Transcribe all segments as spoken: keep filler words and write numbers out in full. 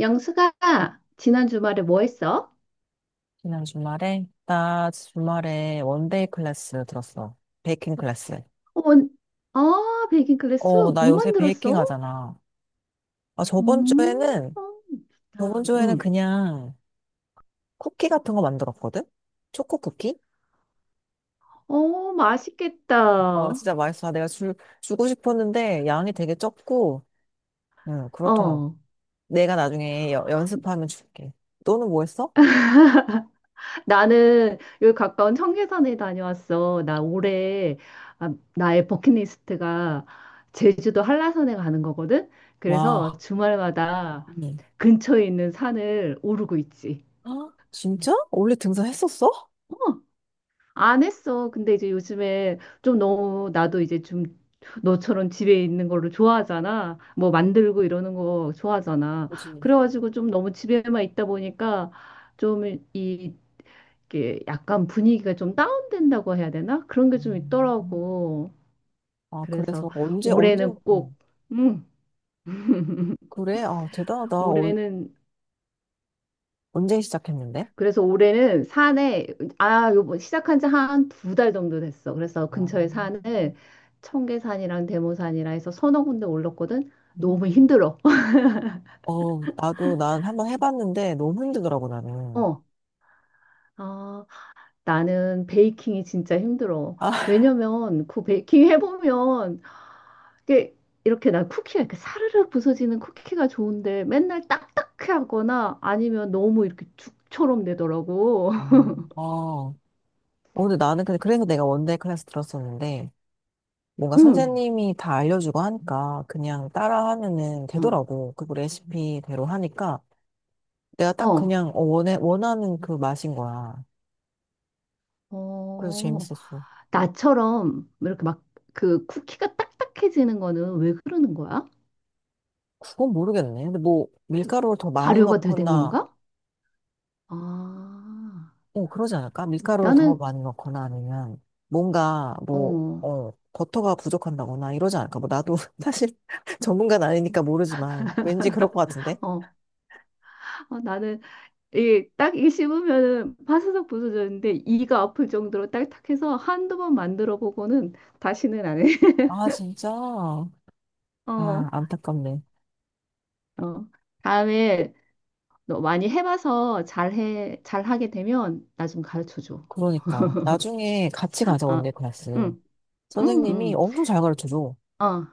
영수가 지난 주말에 뭐 했어? 지난 주말에? 나 주말에 원데이 클래스 들었어. 베이킹 클래스. 어. 아, 베이킹 클래스? 어, 나 뭐 요새 베이킹 만들었어? 하잖아. 아, 저번 음. 주에는, 저번 아, 주에는 음. 그냥 쿠키 같은 거 만들었거든? 초코 쿠키? 어, 어, 맛있겠다. 진짜 맛있어. 아, 내가 주, 주고 싶었는데 양이 되게 적고, 응, 그렇더라고. 어, 내가 나중에 여- 연습하면 줄게. 너는 뭐 했어? 나는 여기 가까운 청계산에 다녀왔어. 나 올해, 아, 나의 버킷리스트가 제주도 한라산에 가는 거거든. 그래서 와. 주말마다 응. 근처에 있는 산을 오르고 있지. 아, 진짜? 원래 등산했었어? 어. 안 했어. 근데 이제 요즘에 좀 너무 나도 이제 좀 너처럼 집에 있는 거를 좋아하잖아. 뭐 만들고 이러는 거 좋아하잖아. 그지. 그래가지고 좀 너무 집에만 있다 보니까 좀 이- 이게 약간 분위기가 좀 다운된다고 해야 되나? 그런 게 좀 음. 있더라고. 아, 그래서 그래서 언제, 언제? 올해는 꼭, 음, 그래? 아, 대단하다. 어, 올해는, 언제 시작했는데? 그래서 올해는 산에, 아, 요번 시작한 지 한 두 달 정도 됐어. 그래서 아, 근처에 산을, 청계산이랑 대모산이라 해서 서너 군데 올랐거든. 너무 생각해. 힘들어. 어, 나도 난 한번 해봤는데 너무 힘들더라고, 나는. 어. 아, 나는 베이킹이 진짜 힘들어. 아, 왜냐면 그 베이킹 해보면 이게 이렇게 나 쿠키가 이렇게 사르르 부서지는 쿠키가 좋은데 맨날 딱딱해 하거나 아니면 너무 이렇게 죽처럼 되더라고. 음, 어. 어, 근데 나는 근데 그래서 내가 원데이 클래스 들었었는데 뭔가 응. 선생님이 다 알려주고 하니까 그냥 따라 하면은 어. 되더라고. 그리고 레시피대로 하니까 내가 딱 어. 그냥 어, 원해, 원하는 그 맛인 거야. 그래서 어. 재밌었어. 나처럼 이렇게 막 그 쿠키가 딱딱해지는 거는 왜 그러는 거야? 그건 모르겠네. 근데 뭐 밀가루를 더 많이 발효가 덜 된 넣거나 건가? 아, 어, 그러지 않을까? 밀가루를 더 나는 많이 넣거나 아니면 뭔가 뭐, 어, 어, 버터가 부족한다거나 이러지 않을까? 뭐 나도 사실 전문가는 아니니까 모르지만 왠지 그럴 것 같은데? 어, 어, 나는 이 딱이 씹으면은 파스석 부서졌는데 이가 아플 정도로 딱딱해서 한두 번 만들어 보고는 다시는 안 해. 아, 진짜? 아, 어, 어. 안타깝네. 다음에 너 많이 해봐서 잘해 잘하게 되면 나 좀 가르쳐 줘. 그러니까. 나중에 같이 가자, 어, 원데이 클래스. 응, 응, 선생님이 응. 엄청 잘 가르쳐줘. 어,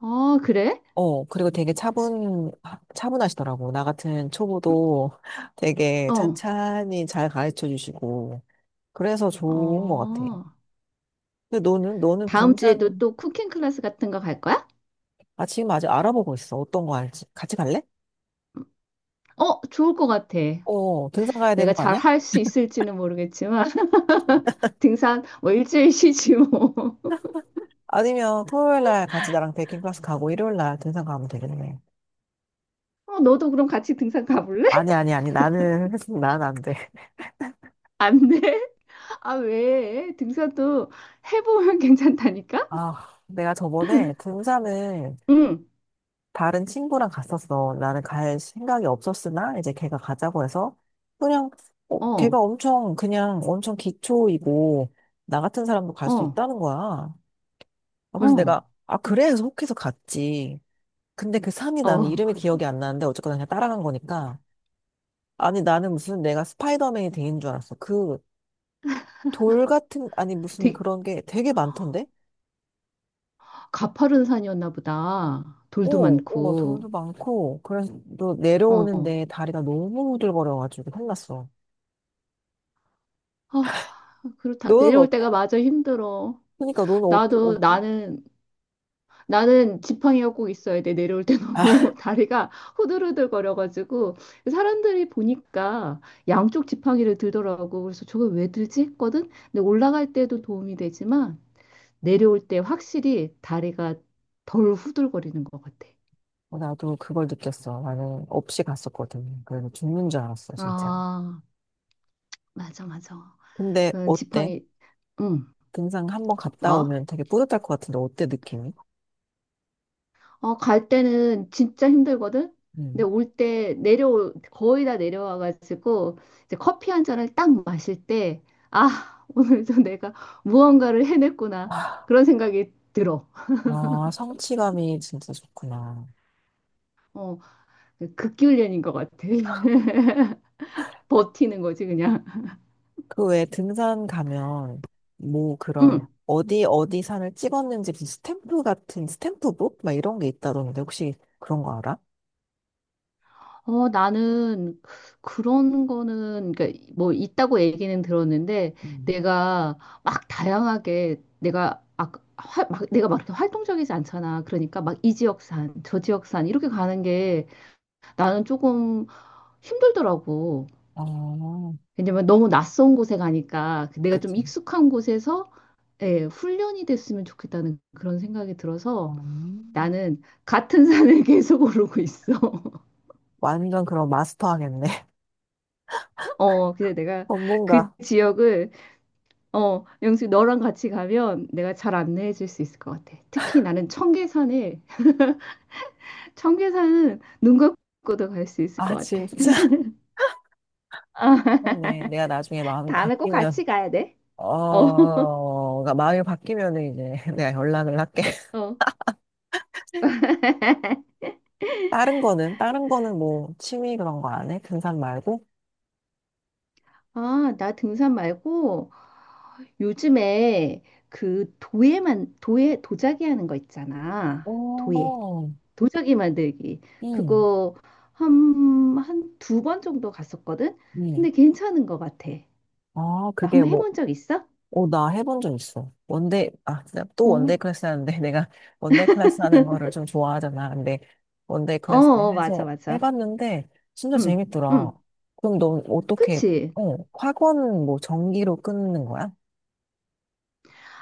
어, 그래? 어, 그리고 되게 차분, 차분하시더라고. 나 같은 초보도 되게 어, 찬찬히 잘 가르쳐 주시고. 그래서 좋은 것 같아. 어. 근데 너는, 너는 다음 주에도 등산, 또 쿠킹 클래스 같은 거 갈 거야? 아, 지금 아직 알아보고 있어. 어떤 거 할지. 같이 갈래? 어, 좋을 것 같아. 어, 등산 가야 내가 되는 거 잘 아니야? 할 수 있을지는 모르겠지만, 등산 뭐 일주일 쉬지 뭐. 아니면 토요일 날 같이 나랑 베이킹 클래스 가고 일요일 날 등산 가면 되겠네. 어, 너도 그럼 같이 등산 가볼래? 아니, 아니, 아니. 나는, 난 안 돼. 안 돼? 아, 왜? 등산도 해보면 괜찮다니까? 아, 내가 저번에 등산을 응, 다른 친구랑 갔었어. 나는 갈 생각이 없었으나 이제 걔가 가자고 해서 그냥, 어, 걔가 어, 엄청, 그냥 엄청 기초이고 나 같은 사람도 갈 수 어, 있다는 거야. 아, 그래서 어, 내가, 아, 그래? 해서 혹해서 갔지. 근데 그 삼이 나는 어. 이름이 기억이 안 나는데 어쨌거나 그냥 따라간 거니까. 아니, 나는 무슨 내가 스파이더맨이 된 줄 알았어. 그 돌 같은, 아니, 무슨 되게 그런 게 되게 많던데? 가파른 산이었나 보다. 돌도 어, 어, 많고, 돌도 많고. 그래서 또 어. 내려오는데 다리가 너무 후들거려가지고 혼났어. 아, 그렇다. 너는 내려올 어때? 때가 마저 힘들어. 그러니까 너는 어때? 나도, 어때? 나는 나는 지팡이가 꼭 있어야 돼. 내려올 때 아, 너무 다리가 후들후들거려가지고 사람들이 보니까 양쪽 지팡이를 들더라고. 그래서 저걸 왜 들지 했거든. 근데 올라갈 때도 도움이 되지만 내려올 때 확실히 다리가 덜 후들거리는 것 같아. 나도 그걸 느꼈어. 나는 없이 갔었거든. 그래서 죽는 줄 알았어, 진짜. 아, 맞아, 맞아. 근데 그 어때? 지팡이, 응. 등산 한번 갔다 뭐? 오면 되게 뿌듯할 것 같은데 어때, 느낌이? 어, 갈 때는 진짜 힘들거든? 근데 음. 올 때 내려올, 거의 다 내려와가지고, 이제 커피 한 잔을 딱 마실 때, 아, 오늘도 내가 무언가를 해냈구나. 그런 생각이 들어. 아, 성취감이 진짜 좋구나. 어, 극기훈련인 것 같아. 버티는 거지, 그냥. 그 외에 등산 가면 뭐 그런 응. 어디 어디 산을 찍었는지 무슨 스탬프 같은 스탬프북 막 이런 게 있다던데 혹시 그런 거 알아? 어, 나는 그런 거는, 그러니까 뭐 있다고 얘기는 들었는데, 음. 내가 막 다양하게, 내가, 아, 화, 막, 내가 막 이렇게 활동적이지 않잖아. 그러니까 막 이 지역산, 저 지역산, 이렇게 가는 게 나는 조금 힘들더라고. 어, 왜냐면 너무 낯선 곳에 가니까 그 내가 좀 그치. 익숙한 곳에서 예, 훈련이 됐으면 좋겠다는 그런 생각이 들어서 음. 나는 같은 산을 계속 오르고 있어. 완전 그런 마스터 하겠네. 어, 근데 내가 그 전문가. 지역을, 어, 영수 너랑 같이 가면 내가 잘 안내해 줄 수 있을 것 같아. 특히 나는 청계산에, 청계산은 눈 감고도 갈 수 있을 것 아, 같아. 진짜. 그렇네. 내가 나중에 마음이 다음에 꼭 바뀌면, 같이 가야 돼. 어, 어, 그러니까 마음이 바뀌면은 이제 내가 연락을 할게. 어. 다른 거는, 다른 거는 뭐 취미 그런 거 안 해? 등산 말고? 아, 나 등산 말고 요즘에 그 도예만, 도예, 도자기 하는 거 있잖아. 도예. 오, 도자기 만들기. 음, 그거 한, 한 두 번 정도 갔었거든? 음. 근데 괜찮은 것 같아. 아, 나 그게 한번 뭐, 해본 적 있어? 어, 나 해본 적 있어. 원데이, 아, 진짜 또 어, 원데이 클래스 하는데 내가 원데이 클래스 하는 거를 좀 좋아하잖아. 근데 원데이 어, 클래스 어, 맞아, 해서 맞아. 해봤는데 진짜 응, 재밌더라. 응, 그럼 넌 어떻게, 그치. 어, 학원 뭐 정기로 끊는 거야?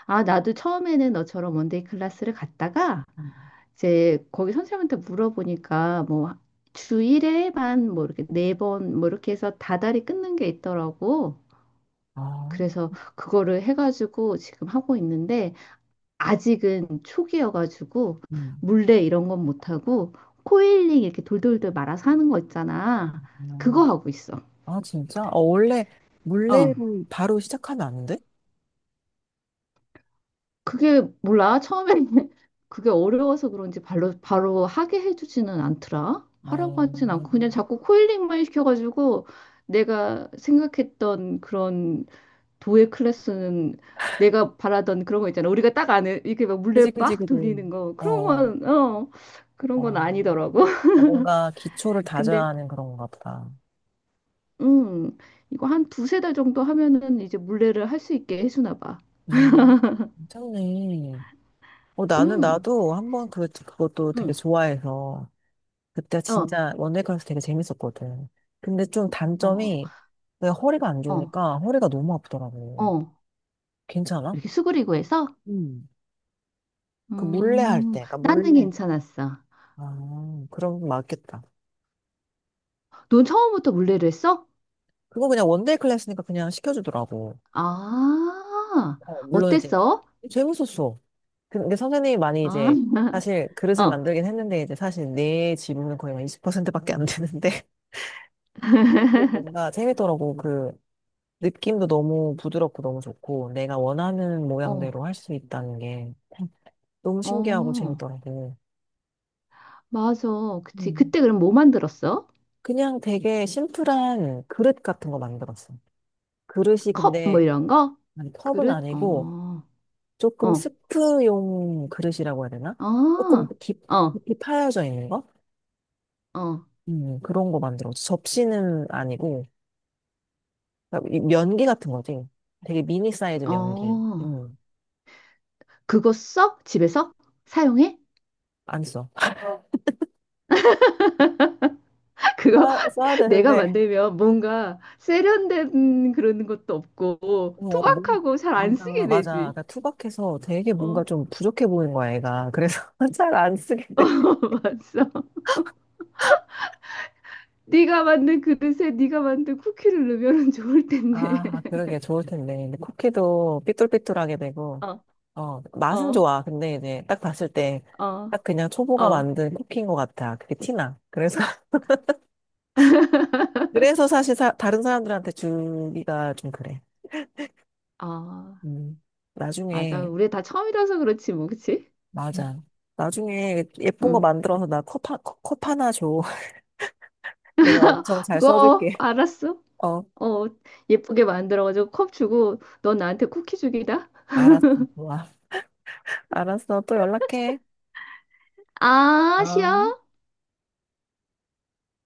아, 나도 처음에는 너처럼 원데이 클래스를 갔다가 음. 이제 거기 선생님한테 물어보니까 뭐 주일에만 뭐 이렇게 네 번 뭐 이렇게 해서 다달이 끊는 게 있더라고. 아, 그래서 그거를 해가지고 지금 하고 있는데 아직은 초기여가지고 음, 물레 이런 건 못하고 코일링 이렇게 돌돌돌 말아서 하는 거 있잖아. 그거 음. 하고 있어. 아, 진짜? 어, 원래 어, 물레를 바로 시작하면 안 돼? 그게 몰라. 처음에는 그게 어려워서 그런지 바로, 바로 하게 해주지는 않더라. 하라고 어, 하진 않고 그냥 자꾸 코일링만 시켜가지고 내가 생각했던 그런 도예 클래스는 내가 바라던 그런 거 있잖아. 우리가 딱 아는 이렇게 막 그지, 물레 그지, 막 그지. 돌리는 거 어, 그런 어. 건, 어, 그런 건 어, 아니더라고. 어, 뭔가 기초를 다져야 근데 하는 그런가 보다. 음 이거 한 두세 달 정도 하면은 이제 물레를 할 수 있게 해주나 봐. 음, 괜찮네. 어, 나는, 음, 나도 한번 그, 그것도 되게 음, 좋아해서, 그때 어, 진짜 원데이 클래스 되게 재밌었거든. 근데 좀 어, 단점이, 내가 허리가 안 어, 좋으니까 허리가 너무 아프더라고. 어. 괜찮아? 이렇게 수그리고 해서, 음. 그 물레 할 음, 때, 그러니까 나는 물레. 괜찮았어. 아, 그럼 맞겠다. 넌 처음부터 물레를 했어? 그거 그냥 원데이 클래스니까 그냥 시켜주더라고. 아, 어, 물론 이제 어땠어? 재밌었어. 근데 선생님이 많이 아, 이제 사실 그릇을 어, 만들긴 했는데 이제 사실 내 지분은 거의 막 이십 퍼센트밖에 안 되는데 그래도 뭔가 재밌더라고. 그 느낌도 너무 부드럽고 너무 좋고 내가 원하는 어, 모양대로 할 수 있다는 게 너무 신기하고 어, 재밌더라고. 맞아. 그치. 음. 그때 그럼 뭐 만들었어? 그냥 되게 심플한 그릇 같은 거 만들었어. 그릇이 컵, 뭐 근데 이런 거? 컵은 그릇? 아니고 어, 조금 어, 스프용 그릇이라고 해야 되나? 조금 아, 깊, 어, 깊이 파여져 있는 거? 어, 음, 그런 거 만들었어. 접시는 아니고 그러니까 이 면기 같은 거지. 되게 미니 사이즈 면기. 어. 음, 그거 써? 집에서? 사용해? 안 써. 그거 써야, 써야 내가 되는데, 만들면 뭔가 세련된 그런 것도 없고 어, 뭔- 투박하고 잘 안 맞아, 쓰게 맞아. 되지. 그러니까 투박해서 되게 어. 뭔가 좀 부족해 보이는 거야, 애가. 그래서 잘 안 쓰게 돼. 맞어. 네가 만든 그릇에 네가 만든 쿠키를 넣으면 좋을 텐데. 아, 그러게 좋을 텐데. 근데 쿠키도 삐뚤삐뚤하게 되고, 어, 어, 맛은 어, 좋아. 근데 이제 딱 봤을 때, 어, 딱 그냥 초보가 어, 만든 쿠키인 것 같아. 그게 티나. 그래서, 그래서 사실 사- 다른 사람들한테 주기가 좀 그래. 어. 음, 맞아. 나중에 우리 다 처음이라서 그렇지, 뭐, 그치? 응. 맞아. 나중에 예쁜 거 응. 만들어서 나 컵, 하- 컵컵 하나 줘. 내가 엄청 잘 그거 써줄게. 알았어. 어, 어, 예쁘게 만들어가지고 컵 주고 너 나한테 쿠키 주기다. 알았어. 좋아. 알았어. 또 연락해. 아, 어. 쉬어.